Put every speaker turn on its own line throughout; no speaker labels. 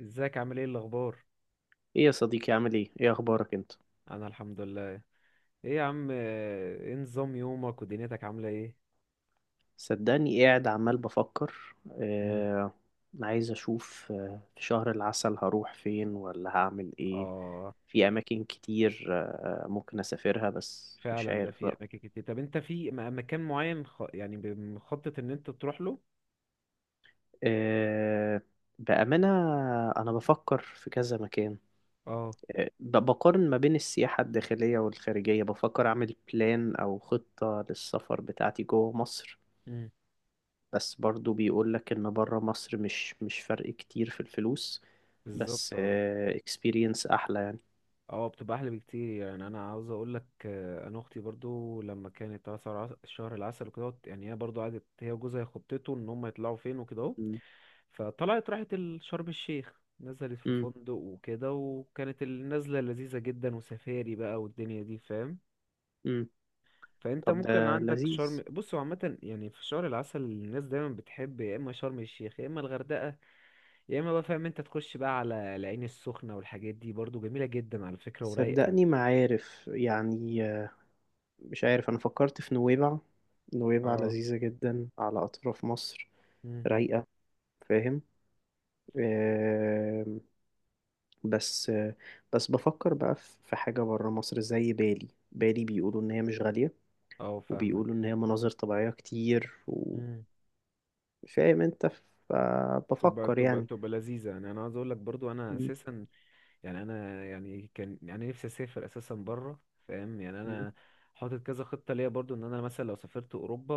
ازيك، عامل ايه الاخبار؟
ايه يا صديقي، عامل ايه اخبارك انت؟
انا الحمد لله. ايه يا عم، ايه نظام يومك ودنيتك عامله ايه؟
صدقني قاعد عمال بفكر.
مم.
آه عايز اشوف في شهر العسل هروح فين ولا هعمل ايه.
اه.
في اماكن كتير، ممكن اسافرها بس مش
فعلا، ده
عارف
في
بقى.
اماكن كتير. طب انت في مكان معين يعني مخطط ان انت تروح له؟
آه بأمانة، انا بفكر في كذا مكان.
اه.
بقارن ما بين السياحة الداخلية والخارجية. بفكر اعمل بلان او خطة للسفر بتاعتي جوه مصر.
مم.
بس برضو بيقول لك ان بره مصر مش فرق كتير في الفلوس. بس
بالظبط، آه.
اكسبيرينس احلى يعني.
اه، بتبقى احلى بكتير. يعني انا عاوز اقول لك، انا اختي برضو لما كانت أسعر شهر العسل وكده اهوت، يعني هي برضو قعدت هي وجوزها يخططوا ان هم يطلعوا فين وكده اهو.
مم.
فطلعت، راحت شرم الشيخ، نزلت في
مم.
فندق وكده، وكانت النزلة لذيذة جدا وسفاري بقى والدنيا دي، فاهم.
مم.
فانت
طب
ممكن
ده
عندك
لذيذ.
شرم. بص، هو عامة يعني في شهر العسل الناس دايما بتحب يا اما شرم الشيخ يا اما الغردقة، يا اما بقى فاهم انت تخش بقى على العين السخنة. والحاجات دي برضو جميلة جدا على فكرة، ورايقة.
صدقني ما عارف يعني. مش عارف، انا فكرت في نويبع. نويبع
اه.
لذيذة جدا على اطراف مصر. رايقة. فاهم. آم، بس بس بفكر بقى في حاجة بره مصر زي بالي بيقولوا ان هي مش غالية.
اه، فاهمك.
وبيقولوا ان هي مناظر طبيعية كتير.
مم.
فاهم انت.
تبقى
فبفكر
تبقى
يعني.
تبقى لذيذة. يعني أنا عاوز أقول لك برضو، أنا
م-
أساسا يعني أنا يعني كان يعني نفسي أسافر أساسا بره. فاهم، يعني
م-
أنا حاطط كذا خطة ليا برضو، إن أنا مثلا لو سافرت أوروبا،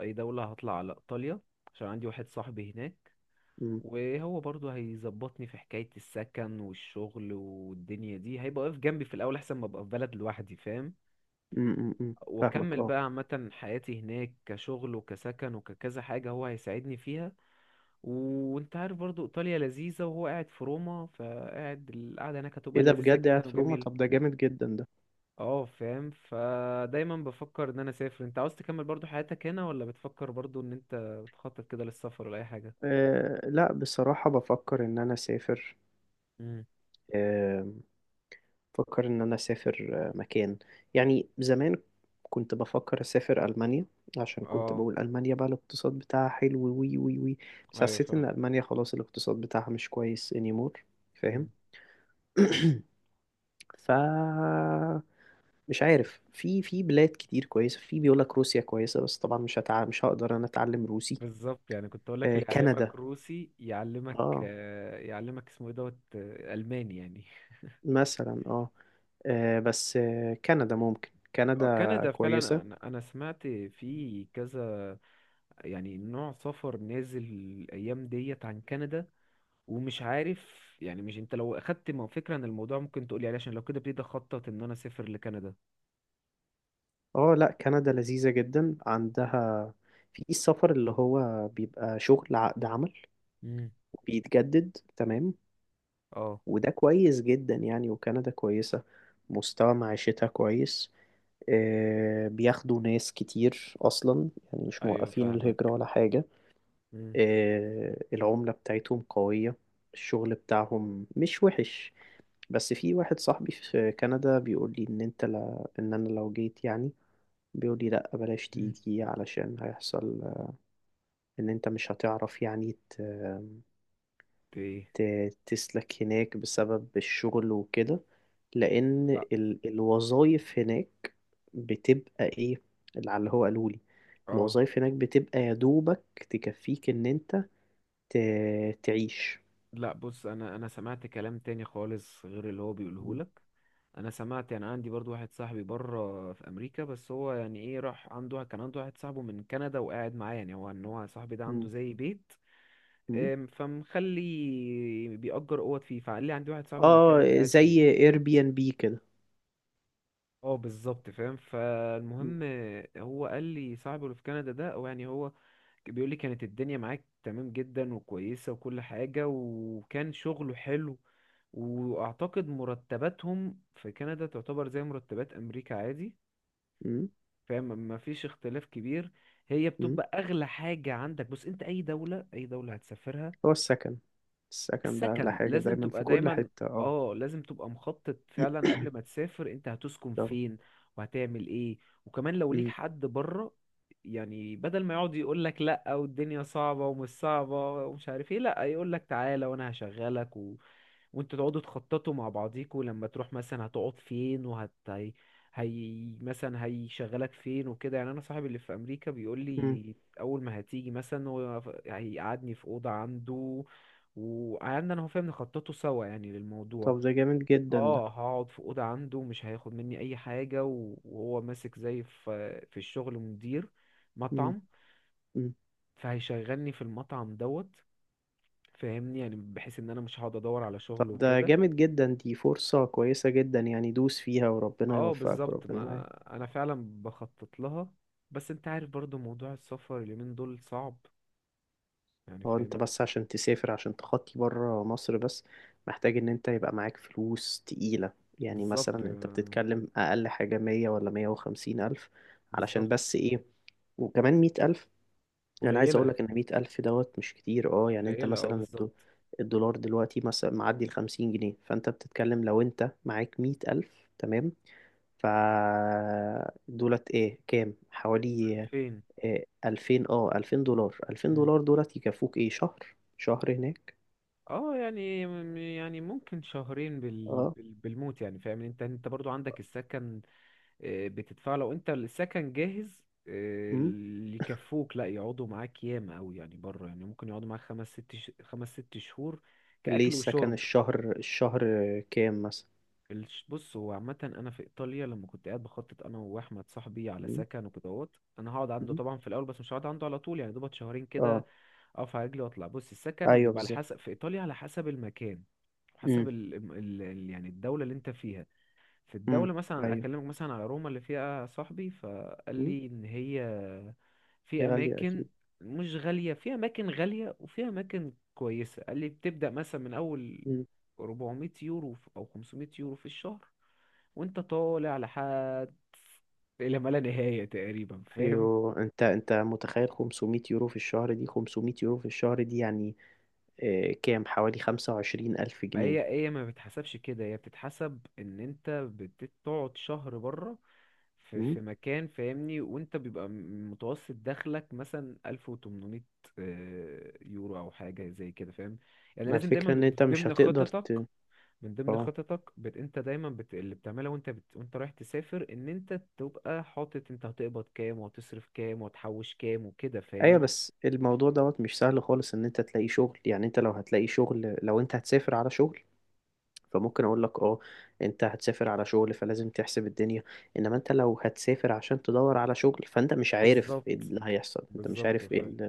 أي دولة هطلع على إيطاليا عشان عندي واحد صاحبي هناك،
م-
وهو برضو هيظبطني في حكاية السكن والشغل والدنيا دي، هيبقى واقف جنبي في الأول أحسن ما أبقى في بلد لوحدي، فاهم.
م- م- م. فاهمك
وأكمل
اه.
بقى عامة حياتي هناك، كشغل وكسكن وككذا حاجة هو هيساعدني فيها. وانت عارف برضو، ايطاليا لذيذه، وهو قاعد في روما، فقاعد القعده هناك هتبقى
ايه ده؟
لذيذه
بجد قاعد
جدا
في روما؟
وجميله.
طب ده جامد جدا ده.
اه، فاهم. فدايما بفكر ان انا اسافر. انت عاوز تكمل برضو حياتك هنا، ولا بتفكر برضو ان انت بتخطط كده للسفر ولا اي حاجه؟
أه لا، بصراحة بفكر ان انا اسافر.
امم
أه بفكر ان انا اسافر مكان. يعني زمان كنت بفكر اسافر المانيا، عشان كنت
اه،
بقول المانيا بقى الاقتصاد بتاعها حلو وي وي وي بس
ايوه،
حسيت ان
فاهم.
المانيا خلاص الاقتصاد بتاعها مش كويس anymore. فاهم.
مم.
ف مش عارف. في بلاد كتير كويسة. في بيقول لك روسيا كويسة، بس طبعا مش هقدر انا اتعلم روسي.
بالظبط. يعني كنت اقول لك
آه
اللي يعلمك
كندا.
روسي يعلمك
اه،
يعلمك اسمه ايه دوت الماني يعني.
مثلا اه, بس كندا ممكن. كندا
كندا فعلا،
كويسة.
انا سمعت في كذا، يعني نوع سفر نازل الايام ديت عن كندا، ومش عارف. يعني، مش انت لو اخدت فكرة عن الموضوع ممكن تقولي عليه، عشان لو كده ابتديت اخطط ان انا اسافر لكندا.
اه لا، كندا لذيذة جدا. عندها في السفر اللي هو بيبقى شغل عقد عمل
مم.
بيتجدد، تمام.
اه،
وده كويس جدا يعني. وكندا كويسة، مستوى معيشتها كويس. بياخدوا ناس كتير أصلا، يعني مش
ايوه،
موقفين الهجرة
فاهمك.
ولا حاجة.
مم.
العملة بتاعتهم قوية. الشغل بتاعهم مش وحش. بس في واحد صاحبي في كندا بيقول لي ان انت، لا ان انا لو جيت يعني. بيقول لي لا، بلاش
مم.
تيجي علشان هيحصل، ان انت مش هتعرف يعني.
ايه؟
تسلك هناك بسبب الشغل وكده. لان
لا.
الوظائف هناك بتبقى ايه. اللي على اللي هو قالوا لي
اه،
الوظائف هناك بتبقى يا دوبك تكفيك ان انت ت... تعيش.
لا، بص، انا سمعت كلام تاني خالص غير اللي هو بيقوله لك. انا سمعت يعني عندي برضو واحد صاحبي بره في امريكا، بس هو يعني ايه، راح عنده، كان عنده واحد صاحبه من كندا وقاعد معاه، يعني هو، ان هو صاحبي ده عنده
مم.
زي بيت،
مم.
فمخلي بيأجر اوض فيه. فقال لي عندي واحد صاحبي من
اه،
كندا قاعد
زي
فيه.
اير بي ان بي كده.
اه، بالظبط، فاهم.
مم.
فالمهم، هو قال لي صاحبه اللي في كندا ده، او يعني هو بيقول لي كانت الدنيا معاك تمام جدا وكويسة وكل حاجة، وكان شغله حلو. واعتقد مرتباتهم في كندا تعتبر زي مرتبات امريكا عادي.
مم.
فاهم، ما فيش اختلاف كبير. هي
مم.
بتبقى اغلى حاجة عندك. بص، انت اي دولة اي دولة هتسافرها،
هو السكن. السكن ده اغلى
السكن
حاجة
لازم
دايما
تبقى
في كل
دايما.
حتة اه.
اه، لازم تبقى مخطط فعلا قبل ما تسافر انت هتسكن
ده.
فين، وهتعمل ايه، وكمان لو ليك
مم.
حد بره. يعني بدل ما يقعد يقول لك لا، والدنيا صعبة ومش صعبة، ومش عارف ايه. لا، يقول لك تعالى وانا هشغلك و... وانتوا تقعدوا تخططوا مع بعضيكوا لما تروح مثلا هتقعد فين وهت هي، مثلا هيشغلك فين وكده. يعني انا صاحبي اللي في امريكا بيقول
مم.
لي اول ما هتيجي مثلا هو هيقعدني في اوضه عنده، وقعدنا انا هو، فاهم، نخططه سوا يعني
طب
للموضوع.
ده جامد جدا ده.
اه، هقعد في اوضه عنده، مش هياخد مني اي حاجه وهو ماسك زي في الشغل، مدير
مم.
مطعم.
مم.
فهيشغلني في المطعم دوت. فاهمني، يعني بحيث ان انا مش هقعد ادور على شغل
طب ده
وكده.
جامد جدا، دي فرصة كويسة جدا يعني. دوس فيها وربنا
اه،
يوفقك
بالظبط،
وربنا
ما
معاك.
انا فعلا بخطط لها. بس انت عارف برضو موضوع السفر اليومين دول صعب. يعني،
هو انت
فاهمني.
بس عشان تسافر، عشان تخطي بره مصر بس، محتاج ان انت يبقى معاك فلوس تقيلة. يعني
بالظبط،
مثلا انت بتتكلم اقل حاجة 100 ولا 150,000. علشان
بالظبط.
بس ايه؟ وكمان 100,000. أنا عايز
قليله.
أقولك إن 100,000 دوت مش كتير أه. يعني أنت
قليله، اه،
مثلا
بالظبط.
الدولار دلوقتي مثلا معدي 50 جنيه، فأنت بتتكلم لو أنت معاك 100,000 تمام. ف دولت إيه كام حوالي؟
2000.
إيه 2000، 2000 دولار. 2000 دولار دولت يكفوك إيه؟ شهر؟ شهر هناك.
اه، يعني يعني ممكن شهرين
أه.
بالموت، يعني. فاهم، انت برضو عندك السكن. بتدفع. لو انت السكن جاهز،
أمم
اللي يكفوك، لا، يقعدوا معاك ياما قوي يعني، بره يعني ممكن يقعدوا معاك خمس ست شهور
ليه
كأكل
السكن
وشرب.
الشهر كام مثلا؟
بص، هو عامة أنا في إيطاليا لما كنت قاعد بخطط أنا وأحمد صاحبي على
أمم،
سكن وكدهوت، أنا هقعد عنده
أمم،
طبعا في الأول، بس مش هقعد عنده على طول، يعني دوبت شهرين
أه.
كده اقف على رجلي واطلع. بص، السكن
أيوه
بيبقى على
بالظبط.
حسب، في ايطاليا على حسب المكان، حسب
أمم،
يعني الدوله اللي انت فيها. في
أمم،
الدوله مثلا،
أيوه.
اكلمك مثلا على روما اللي فيها صاحبي، فقال
أمم،
لي ان هي في
يغلي
اماكن،
أكيد.
مش غاليه، في اماكن غاليه وفي اماكن كويسه. قال لي بتبدا مثلا من اول 400 يورو او 500 يورو في الشهر، وانت طالع لحد الى ما لا نهايه تقريبا، فاهم.
ايوه، انت متخيل 500 يورو في الشهر؟ دي 500 يورو في الشهر دي يعني كام حوالي 25,000 ألف
ما
جنيه.
هي ما بتحسبش كده، هي بتتحسب ان انت بتقعد شهر بره، في
مم؟
في مكان، فاهمني، وانت بيبقى متوسط دخلك مثلا 1800 يورو او حاجه زي كده، فاهم. يعني
مع
لازم دايما
الفكرة إن أنت
من
مش
ضمن
هتقدر
خططك،
ت...
من ضمن
اه.
خططك انت دايما اللي بتعملها وانت وانت رايح تسافر، ان انت تبقى حاطط انت هتقبض كام وهتصرف كام وهتحوش كام وكده،
أيوة
فاهمني.
بس الموضوع دوت مش سهل خالص إن أنت تلاقي شغل. يعني أنت لو هتلاقي شغل، لو أنت هتسافر على شغل، فممكن أقول لك. أنت هتسافر على شغل فلازم تحسب الدنيا. إنما أنت لو هتسافر عشان تدور على شغل فأنت مش عارف إيه
بالظبط.
اللي هيحصل، أنت مش
بالظبط.
عارف إيه اللي,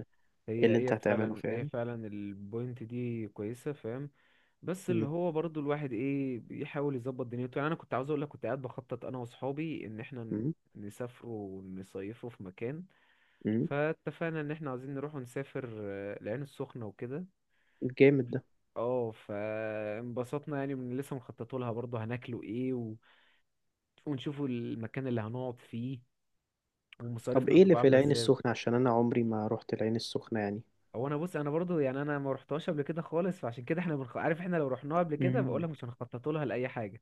إيه
هي
اللي أنت
هي
هتعمله.
فعلا هي
فاهم؟
فعلا البوينت دي كويسة، فاهم. بس اللي
مم.
هو برضو، الواحد ايه بيحاول يظبط دنيته. يعني انا كنت عاوز اقول لك كنت قاعد بخطط انا واصحابي ان احنا
مم.
نسافروا ونصيفوا في مكان.
مم.
فاتفقنا ان احنا عاوزين نروح ونسافر العين السخنة وكده.
جامد ده.
اه، فانبسطنا يعني، من لسه مخططوا لها برضو هناكلوا ايه و... ونشوفوا المكان اللي هنقعد فيه،
طب
ومصاريفنا
ايه اللي
هتبقى
في
عاملة
العين
ازاي.
السخنة عشان انا عمري ما روحت العين السخنة يعني؟
هو انا، بص انا برضو، يعني انا ما رحتهاش قبل كده خالص، فعشان كده احنا عارف، احنا لو رحناها قبل كده بقول
مم.
لك مش هنخطط لها لاي حاجه.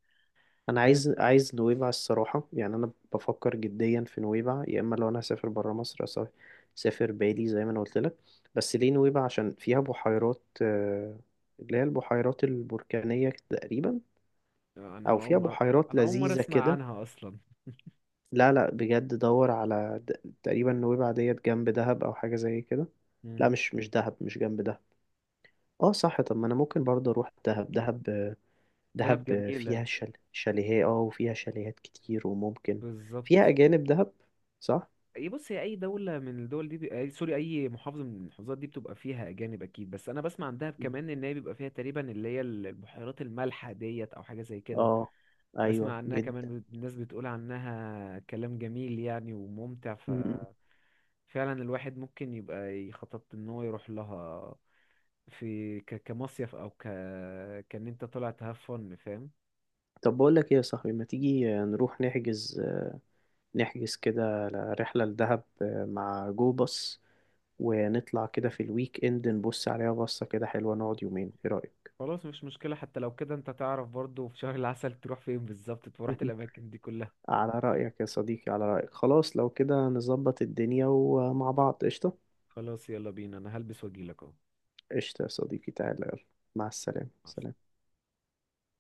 انا
فاهم.
عايز، نويبع الصراحة يعني. انا بفكر جديا في نويبع، يا اما لو انا هسافر برا مصر. اسافر بالي زي ما انا قلت لك. بس ليه نويبع؟ عشان فيها بحيرات، اللي هي البحيرات البركانية تقريبا.
انا
او
اول
فيها
مره،
بحيرات
انا اول مره
لذيذة
اسمع
كده.
عنها اصلا.
لا لا، بجد دور على تقريبا نويبع ديت جنب دهب او حاجة زي كده. لا،
مم.
مش دهب، مش جنب دهب. اه صح. طب ما انا ممكن برضه اروح دهب. دهب
دهب
دهب
جميله.
فيها شاليهات اه. وفيها شاليهات كتير وممكن فيها
بالظبط.
أجانب. دهب صح؟
اي، بص، هي اي دوله من الدول دي أي سوري، اي محافظه من المحافظات دي بتبقى فيها اجانب اكيد. بس انا بسمع عن دهب كمان ان هي بيبقى فيها تقريبا اللي هي البحيرات المالحه ديت او حاجه زي كده.
اه
بسمع
ايوه
عنها
جدا.
كمان، الناس بتقول عنها كلام جميل يعني وممتع.
م-م.
فعلا، الواحد ممكن يبقى يخطط ان هو يروح لها في كمصيف او كان انت طلع تهفن، فاهم.
طب بقول لك ايه يا صاحبي، ما تيجي نروح نحجز كده رحلة لدهب مع جو باص. ونطلع كده في الويك اند، نبص عليها بصة كده حلوة، نقعد يومين. ايه رأيك؟
خلاص، مش مشكلة، حتى لو كده انت تعرف برضو في شهر العسل تروح فين بالظبط، تبقى رحت
مهم.
الاماكن دي كلها.
على رأيك يا صديقي، على رأيك. خلاص لو كده نظبط الدنيا ومع بعض. قشطة.
خلاص، يلا بينا، انا هلبس واجيلك اهو.
قشطة يا صديقي، تعالى يلا. مع السلامة
مع
سلام.